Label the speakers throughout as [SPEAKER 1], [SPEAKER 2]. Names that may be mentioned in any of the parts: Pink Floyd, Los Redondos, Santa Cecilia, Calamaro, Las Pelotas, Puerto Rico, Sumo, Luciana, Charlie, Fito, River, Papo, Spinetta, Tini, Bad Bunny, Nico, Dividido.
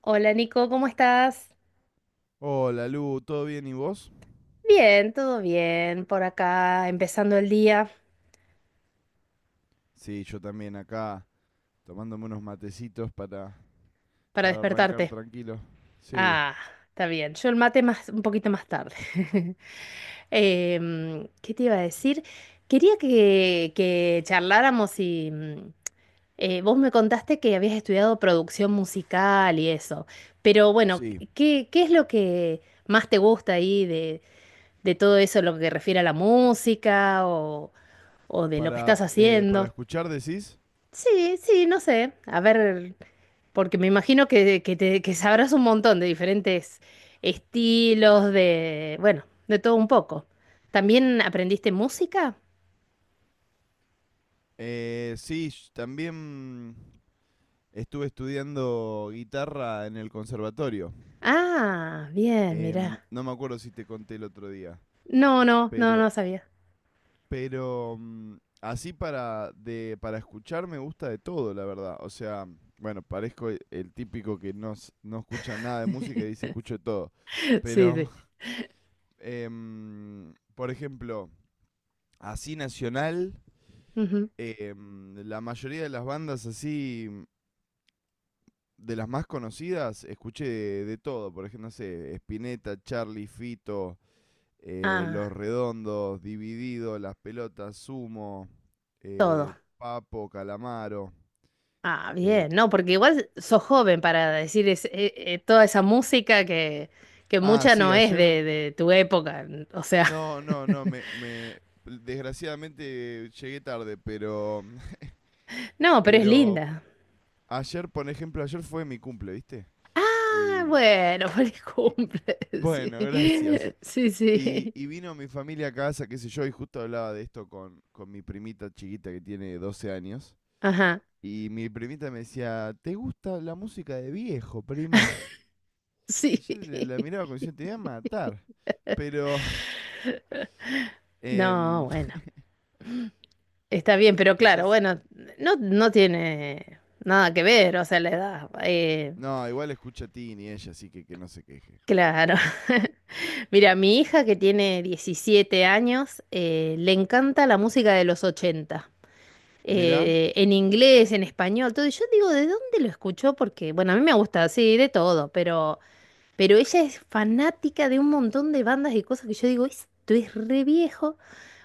[SPEAKER 1] Hola Nico, ¿cómo estás?
[SPEAKER 2] Hola Lu, ¿todo bien y vos?
[SPEAKER 1] Bien, todo bien, por acá, empezando el día
[SPEAKER 2] Sí, yo también acá tomándome unos matecitos
[SPEAKER 1] para
[SPEAKER 2] para arrancar
[SPEAKER 1] despertarte.
[SPEAKER 2] tranquilo. Sí,
[SPEAKER 1] Ah, está bien. Yo el mate más, un poquito más tarde. ¿Qué te iba a decir? Quería que charláramos y vos me contaste que habías estudiado producción musical y eso. Pero bueno,
[SPEAKER 2] sí.
[SPEAKER 1] ¿qué es lo que más te gusta ahí de todo eso, lo que refiere a la música o de lo que
[SPEAKER 2] Para,
[SPEAKER 1] estás
[SPEAKER 2] para
[SPEAKER 1] haciendo?
[SPEAKER 2] escuchar decís.
[SPEAKER 1] Sí, sí, no sé. A ver, porque me imagino que, que sabrás un montón de diferentes estilos, de, bueno, de todo un poco. ¿También aprendiste música?
[SPEAKER 2] Sí, también estuve estudiando guitarra en el conservatorio.
[SPEAKER 1] Ah, bien, mirá.
[SPEAKER 2] No me acuerdo si te conté el otro día,
[SPEAKER 1] No, no, no, no
[SPEAKER 2] pero...
[SPEAKER 1] sabía.
[SPEAKER 2] Pero así para, de, para escuchar me gusta de todo, la verdad. O sea, bueno, parezco el típico que no, no escucha nada de música y dice escucho de todo.
[SPEAKER 1] Sí,
[SPEAKER 2] Pero,
[SPEAKER 1] sí.
[SPEAKER 2] por ejemplo, así nacional,
[SPEAKER 1] Ujú.
[SPEAKER 2] la mayoría de las bandas así, de las más conocidas, escuché de todo. Por ejemplo, no sé, Spinetta, Charlie, Fito,
[SPEAKER 1] Ah,
[SPEAKER 2] Los Redondos, Dividido, Las Pelotas, Sumo, eh,
[SPEAKER 1] todo.
[SPEAKER 2] Papo, Calamaro.
[SPEAKER 1] Ah,
[SPEAKER 2] eh,
[SPEAKER 1] bien, no, porque igual sos joven para decir toda esa música que
[SPEAKER 2] ah,
[SPEAKER 1] mucha
[SPEAKER 2] sí,
[SPEAKER 1] no es
[SPEAKER 2] ayer.
[SPEAKER 1] de tu época. O sea,
[SPEAKER 2] No, no, no, me, desgraciadamente llegué tarde, pero,
[SPEAKER 1] no, pero es
[SPEAKER 2] pero
[SPEAKER 1] linda.
[SPEAKER 2] ayer, por ejemplo, ayer fue mi cumple, ¿viste?
[SPEAKER 1] Ah,
[SPEAKER 2] Y,
[SPEAKER 1] bueno, feliz
[SPEAKER 2] y-
[SPEAKER 1] cumple. Sí,
[SPEAKER 2] bueno, gracias.
[SPEAKER 1] sí, sí.
[SPEAKER 2] Y vino mi familia a casa, qué sé yo, y justo hablaba de esto con mi primita chiquita que tiene 12 años.
[SPEAKER 1] Ajá,
[SPEAKER 2] Y mi primita me decía, ¿te gusta la música de viejo, primo? Y
[SPEAKER 1] sí.
[SPEAKER 2] yo la miraba como diciendo, te voy a matar. Pero
[SPEAKER 1] No,
[SPEAKER 2] em,
[SPEAKER 1] bueno, está bien, pero claro,
[SPEAKER 2] quizás...
[SPEAKER 1] bueno, no, no tiene nada que ver, o sea, la edad. eh,
[SPEAKER 2] No, igual escucha a Tini ella, así que no se queje.
[SPEAKER 1] claro. Mira, mi hija que tiene 17 años, le encanta la música de los 80
[SPEAKER 2] Mirá,
[SPEAKER 1] en inglés, en español, todo. Y yo digo, ¿de dónde lo escuchó? Porque, bueno, a mí me gusta, sí, de todo. Pero ella es fanática de un montón de bandas y cosas que yo digo, esto es re viejo.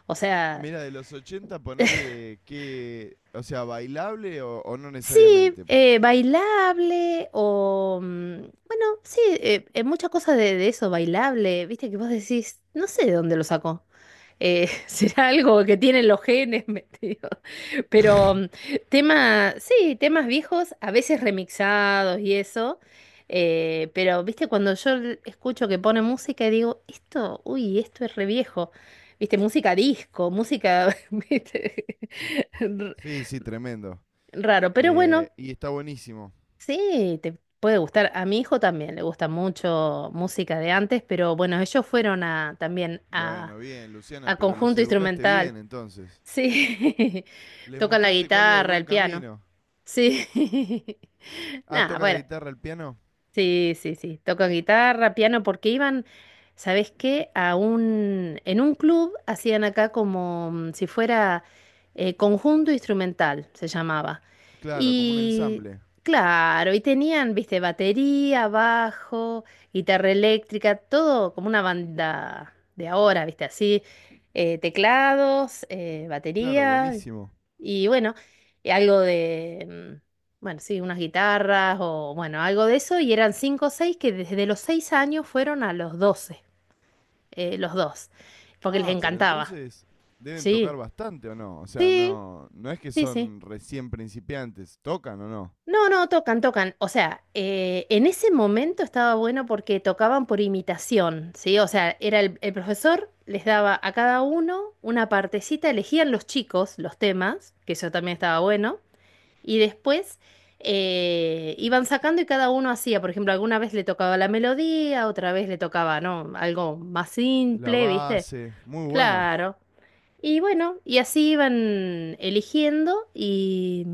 [SPEAKER 1] O sea,
[SPEAKER 2] mira, de los 80 ponele que... O sea, bailable o no
[SPEAKER 1] sí,
[SPEAKER 2] necesariamente.
[SPEAKER 1] bailable. Bueno, sí, muchas cosas de eso, bailable. Viste que vos decís, no sé de dónde lo sacó, será algo que tienen los genes, digo. Pero
[SPEAKER 2] Y-
[SPEAKER 1] sí, temas viejos, a veces remixados y eso, pero viste, cuando yo escucho que pone música y digo, esto, uy, esto es re viejo, viste, música disco, música, viste, r-
[SPEAKER 2] sí, sí, tremendo.
[SPEAKER 1] raro, pero bueno,
[SPEAKER 2] Y está buenísimo.
[SPEAKER 1] sí, te puede gustar, a mi hijo también le gusta mucho música de antes, pero bueno, ellos fueron a, también a,
[SPEAKER 2] Bueno, bien, Luciana,
[SPEAKER 1] a
[SPEAKER 2] pero los
[SPEAKER 1] conjunto
[SPEAKER 2] educaste
[SPEAKER 1] instrumental.
[SPEAKER 2] bien entonces.
[SPEAKER 1] Sí,
[SPEAKER 2] Les
[SPEAKER 1] toca la
[SPEAKER 2] mostraste cuál era el
[SPEAKER 1] guitarra, el
[SPEAKER 2] buen
[SPEAKER 1] piano.
[SPEAKER 2] camino.
[SPEAKER 1] Sí.
[SPEAKER 2] Ah,
[SPEAKER 1] Nada,
[SPEAKER 2] toca la
[SPEAKER 1] bueno.
[SPEAKER 2] guitarra, el piano.
[SPEAKER 1] Sí, sí, sí. Tocan guitarra, piano, porque iban, ¿sabes qué? En un club hacían acá como si fuera conjunto instrumental, se llamaba.
[SPEAKER 2] Claro, como un
[SPEAKER 1] Y
[SPEAKER 2] ensamble.
[SPEAKER 1] claro, y tenían, viste, batería, bajo, guitarra eléctrica, todo como una banda de ahora, viste, así, teclados,
[SPEAKER 2] Claro,
[SPEAKER 1] batería,
[SPEAKER 2] buenísimo.
[SPEAKER 1] y bueno, y algo de, bueno, sí, unas guitarras o bueno, algo de eso, y eran cinco o seis que desde los 6 años fueron a los 12 los dos, porque les
[SPEAKER 2] Ah, pero
[SPEAKER 1] encantaba.
[SPEAKER 2] entonces deben tocar
[SPEAKER 1] Sí,
[SPEAKER 2] bastante o no. O sea,
[SPEAKER 1] sí,
[SPEAKER 2] no, no es que
[SPEAKER 1] sí, sí.
[SPEAKER 2] son recién principiantes. ¿Tocan o no?
[SPEAKER 1] No, no, tocan, tocan. O sea, en ese momento estaba bueno porque tocaban por imitación, ¿sí? O sea, era el profesor, les daba a cada uno una partecita, elegían los chicos los temas, que eso también estaba bueno. Y después iban sacando y cada uno hacía, por ejemplo, alguna vez le tocaba la melodía, otra vez le tocaba, ¿no? Algo más
[SPEAKER 2] La
[SPEAKER 1] simple, ¿viste?
[SPEAKER 2] base, muy bueno.
[SPEAKER 1] Claro. Y bueno, y así iban eligiendo y,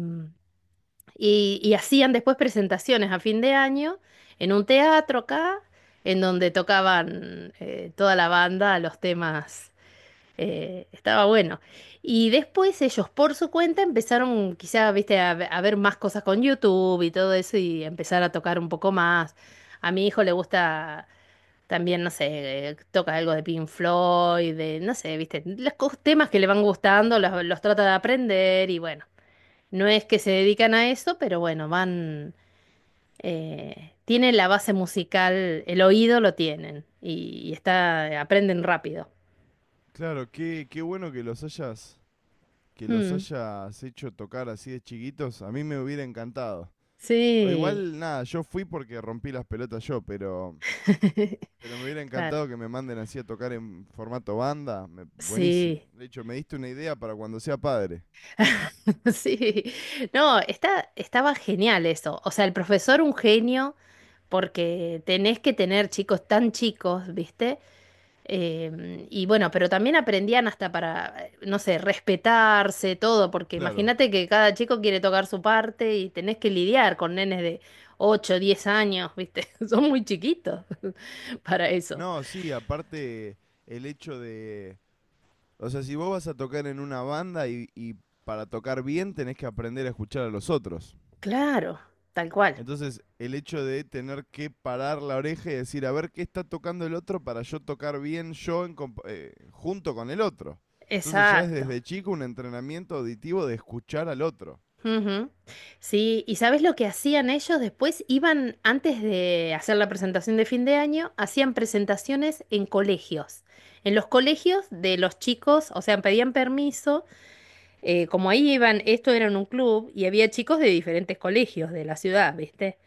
[SPEAKER 1] y, y hacían después presentaciones a fin de año en un teatro acá, en donde tocaban toda la banda los temas estaba bueno. Y después ellos por su cuenta empezaron quizá, viste, a ver más cosas con YouTube y todo eso y empezar a tocar un poco más. A mi hijo le gusta también, no sé, toca algo de Pink Floyd, de, no sé, viste, los temas que le van gustando, los trata de aprender y bueno, no es que se dedican a eso, pero bueno, van, tienen la base musical, el oído lo tienen y está, aprenden rápido.
[SPEAKER 2] Claro, qué, qué bueno que los
[SPEAKER 1] Mm,
[SPEAKER 2] hayas hecho tocar así de chiquitos. A mí me hubiera encantado. O
[SPEAKER 1] sí.
[SPEAKER 2] igual, nada, yo fui porque rompí las pelotas yo, pero me hubiera
[SPEAKER 1] Claro.
[SPEAKER 2] encantado que me manden así a tocar en formato banda. Buenísimo.
[SPEAKER 1] Sí.
[SPEAKER 2] De hecho, me diste una idea para cuando sea padre.
[SPEAKER 1] Sí. No, estaba genial eso. O sea, el profesor un genio, porque tenés que tener chicos tan chicos, ¿viste? Y bueno, pero también aprendían hasta para, no sé, respetarse, todo, porque
[SPEAKER 2] Claro.
[SPEAKER 1] imagínate que cada chico quiere tocar su parte y tenés que lidiar con nenes de 8, 10 años, ¿viste? Son muy chiquitos para eso.
[SPEAKER 2] No, sí, aparte el hecho de, o sea, si vos vas a tocar en una banda y para tocar bien tenés que aprender a escuchar a los otros.
[SPEAKER 1] Claro, tal cual.
[SPEAKER 2] Entonces, el hecho de tener que parar la oreja y decir, a ver qué está tocando el otro para yo tocar bien yo en junto con el otro. Entonces ya es
[SPEAKER 1] Exacto.
[SPEAKER 2] desde chico un entrenamiento auditivo de escuchar al otro.
[SPEAKER 1] Ujú. Sí, ¿y sabes lo que hacían ellos después? Iban, antes de hacer la presentación de fin de año, hacían presentaciones en colegios, en los colegios de los chicos, o sea, pedían permiso, como ahí iban, esto era en un club y había chicos de diferentes colegios de la ciudad, ¿viste?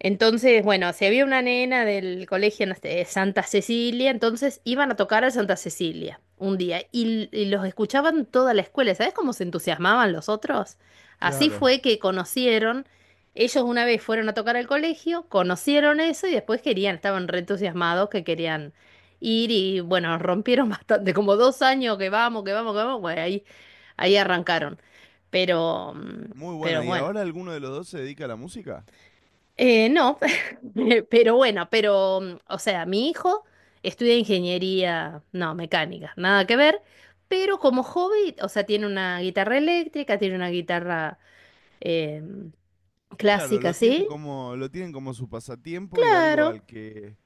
[SPEAKER 1] Entonces, bueno, si había una nena del colegio, no sé, Santa Cecilia, entonces iban a tocar a Santa Cecilia un día y los escuchaban toda la escuela. ¿Sabes cómo se entusiasmaban los otros? Así
[SPEAKER 2] Claro.
[SPEAKER 1] fue que conocieron, ellos una vez fueron a tocar al colegio, conocieron eso y después querían, estaban re entusiasmados, que querían ir y bueno, rompieron bastante, como 2 años que vamos, que vamos, que vamos, bueno, ahí arrancaron. Pero, mm,
[SPEAKER 2] Muy bueno.
[SPEAKER 1] pero
[SPEAKER 2] ¿Y
[SPEAKER 1] bueno.
[SPEAKER 2] ahora alguno de los dos se dedica a la música?
[SPEAKER 1] No, pero bueno, pero, o sea, mi hijo estudia ingeniería, no, mecánica, nada que ver, pero como hobby, o sea, tiene una guitarra eléctrica, tiene una guitarra eh,
[SPEAKER 2] Claro,
[SPEAKER 1] clásica, ¿sí?
[SPEAKER 2] lo tienen como su pasatiempo y algo
[SPEAKER 1] Claro,
[SPEAKER 2] al que,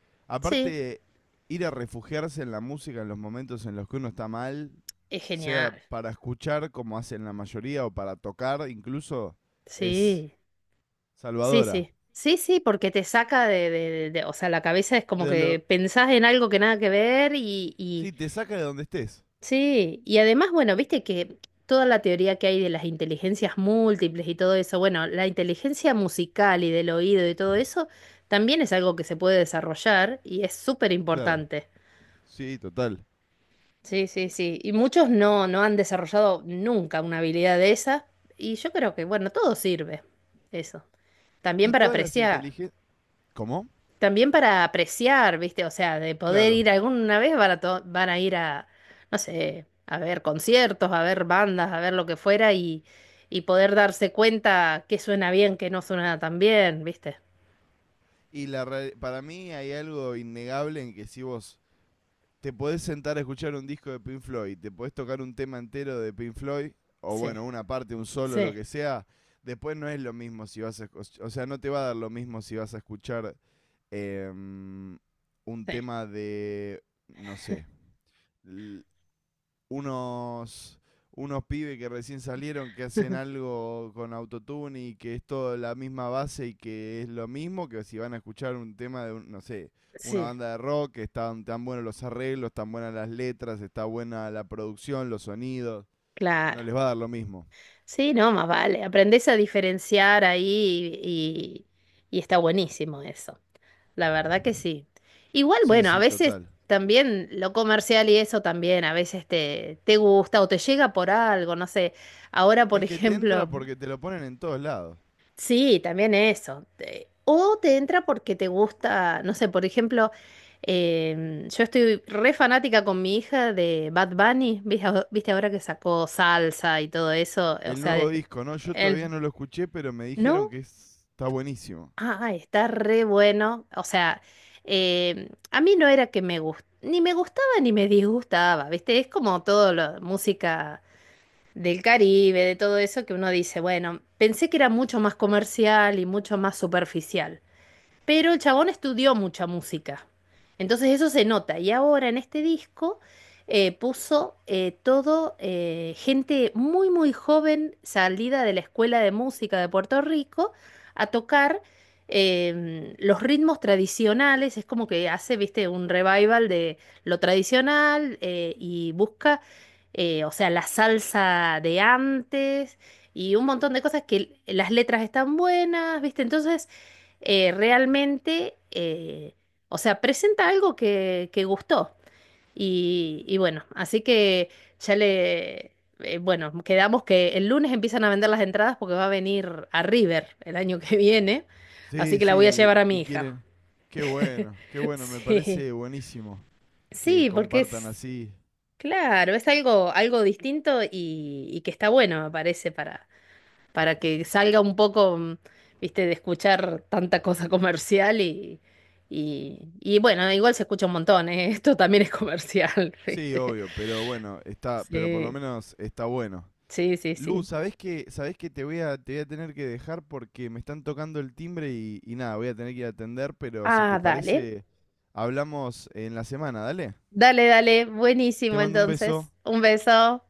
[SPEAKER 1] sí,
[SPEAKER 2] aparte, ir a refugiarse en la música en los momentos en los que uno está mal,
[SPEAKER 1] es
[SPEAKER 2] sea
[SPEAKER 1] genial,
[SPEAKER 2] para escuchar como hacen la mayoría o para tocar incluso, es
[SPEAKER 1] sí, sí,
[SPEAKER 2] salvadora.
[SPEAKER 1] sí, sí, sí, porque te saca de, o sea, la cabeza es como
[SPEAKER 2] De lo,
[SPEAKER 1] que pensás en algo que nada que ver y
[SPEAKER 2] sí, te saca de donde estés.
[SPEAKER 1] Sí, y además, bueno, viste que toda la teoría que hay de las inteligencias múltiples y todo eso, bueno, la inteligencia musical y del oído y todo eso, también es algo que se puede desarrollar y es súper
[SPEAKER 2] Claro.
[SPEAKER 1] importante.
[SPEAKER 2] Sí, total.
[SPEAKER 1] Sí, sí, sí. Y muchos no han desarrollado nunca una habilidad de esa. Y yo creo que, bueno, todo sirve eso. También
[SPEAKER 2] Y
[SPEAKER 1] para
[SPEAKER 2] todas las
[SPEAKER 1] apreciar.
[SPEAKER 2] inteligencias... ¿Cómo?
[SPEAKER 1] También para apreciar, ¿viste? O sea, de poder
[SPEAKER 2] Claro.
[SPEAKER 1] ir alguna vez van a ir a, no sé, a ver conciertos, a ver bandas, a ver lo que fuera y poder darse cuenta qué suena bien, qué no suena tan bien, ¿viste?
[SPEAKER 2] Y la, para mí hay algo innegable en que si vos te podés sentar a escuchar un disco de Pink Floyd, te podés tocar un tema entero de Pink Floyd, o
[SPEAKER 1] Sí,
[SPEAKER 2] bueno, una parte, un solo, lo
[SPEAKER 1] sí,
[SPEAKER 2] que sea, después no es lo mismo si vas a... O sea, no te va a dar lo mismo si vas a escuchar em, un
[SPEAKER 1] sí.
[SPEAKER 2] tema de, no sé, unos, unos pibes que recién salieron que hacen algo con autotune y que es todo la misma base y que es lo mismo que si van a escuchar un tema de, no sé, una
[SPEAKER 1] Sí,
[SPEAKER 2] banda de rock, que están tan buenos los arreglos, tan buenas las letras, está buena la producción, los sonidos,
[SPEAKER 1] claro.
[SPEAKER 2] no les va a dar lo mismo.
[SPEAKER 1] Sí, no, más vale. Aprendés a diferenciar ahí y está buenísimo eso. La verdad que sí. Igual,
[SPEAKER 2] Sí,
[SPEAKER 1] bueno, a
[SPEAKER 2] sí,
[SPEAKER 1] veces
[SPEAKER 2] total.
[SPEAKER 1] también lo comercial y eso también, a veces te gusta o te llega por algo, no sé. Ahora,
[SPEAKER 2] Es
[SPEAKER 1] por
[SPEAKER 2] que te entra
[SPEAKER 1] ejemplo,
[SPEAKER 2] porque te lo ponen en todos lados.
[SPEAKER 1] sí, también eso. O te entra porque te gusta, no sé, por ejemplo, yo estoy re fanática con mi hija de Bad Bunny, ¿viste, viste ahora que sacó salsa y todo eso? O
[SPEAKER 2] El
[SPEAKER 1] sea,
[SPEAKER 2] nuevo disco, ¿no? Yo todavía
[SPEAKER 1] él,
[SPEAKER 2] no lo escuché, pero me dijeron
[SPEAKER 1] ¿no?
[SPEAKER 2] que está buenísimo.
[SPEAKER 1] Ah, está re bueno. O sea, a mí no era que me gustaba, ni me gustaba ni me disgustaba, ¿viste? Es como todo la música del Caribe, de todo eso que uno dice, bueno, pensé que era mucho más comercial y mucho más superficial. Pero el chabón estudió mucha música. Entonces eso se nota. Y ahora en este disco puso todo gente muy, muy joven salida de la Escuela de Música de Puerto Rico a tocar los ritmos tradicionales. Es como que hace, viste, un revival de lo tradicional y busca, o sea, la salsa de antes. Y un montón de cosas que las letras están buenas, ¿viste? Entonces, realmente, o sea, presenta algo que gustó. Y bueno, así que ya bueno, quedamos que el lunes empiezan a vender las entradas porque va a venir a River el año que viene, así
[SPEAKER 2] Sí,
[SPEAKER 1] que la voy a
[SPEAKER 2] sí,
[SPEAKER 1] llevar a mi
[SPEAKER 2] y
[SPEAKER 1] hija.
[SPEAKER 2] quieren... qué bueno, me
[SPEAKER 1] Sí,
[SPEAKER 2] parece buenísimo que
[SPEAKER 1] sí, porque
[SPEAKER 2] compartan
[SPEAKER 1] es,
[SPEAKER 2] así.
[SPEAKER 1] claro, es algo, algo distinto y que está bueno, me parece, para, que salga un poco, viste, de escuchar tanta cosa comercial y bueno, igual se escucha un montón, ¿eh? Esto también es comercial,
[SPEAKER 2] Sí,
[SPEAKER 1] viste.
[SPEAKER 2] obvio, pero bueno, está, pero por lo
[SPEAKER 1] Sí,
[SPEAKER 2] menos está bueno.
[SPEAKER 1] sí, sí,
[SPEAKER 2] Lu,
[SPEAKER 1] sí.
[SPEAKER 2] sabés que te voy a tener que dejar porque me están tocando el timbre y nada, voy a tener que ir a atender, pero si
[SPEAKER 1] Ah,
[SPEAKER 2] te
[SPEAKER 1] dale.
[SPEAKER 2] parece, hablamos en la semana, dale.
[SPEAKER 1] Dale, dale.
[SPEAKER 2] Te
[SPEAKER 1] Buenísimo,
[SPEAKER 2] mando un
[SPEAKER 1] entonces.
[SPEAKER 2] beso.
[SPEAKER 1] Un beso.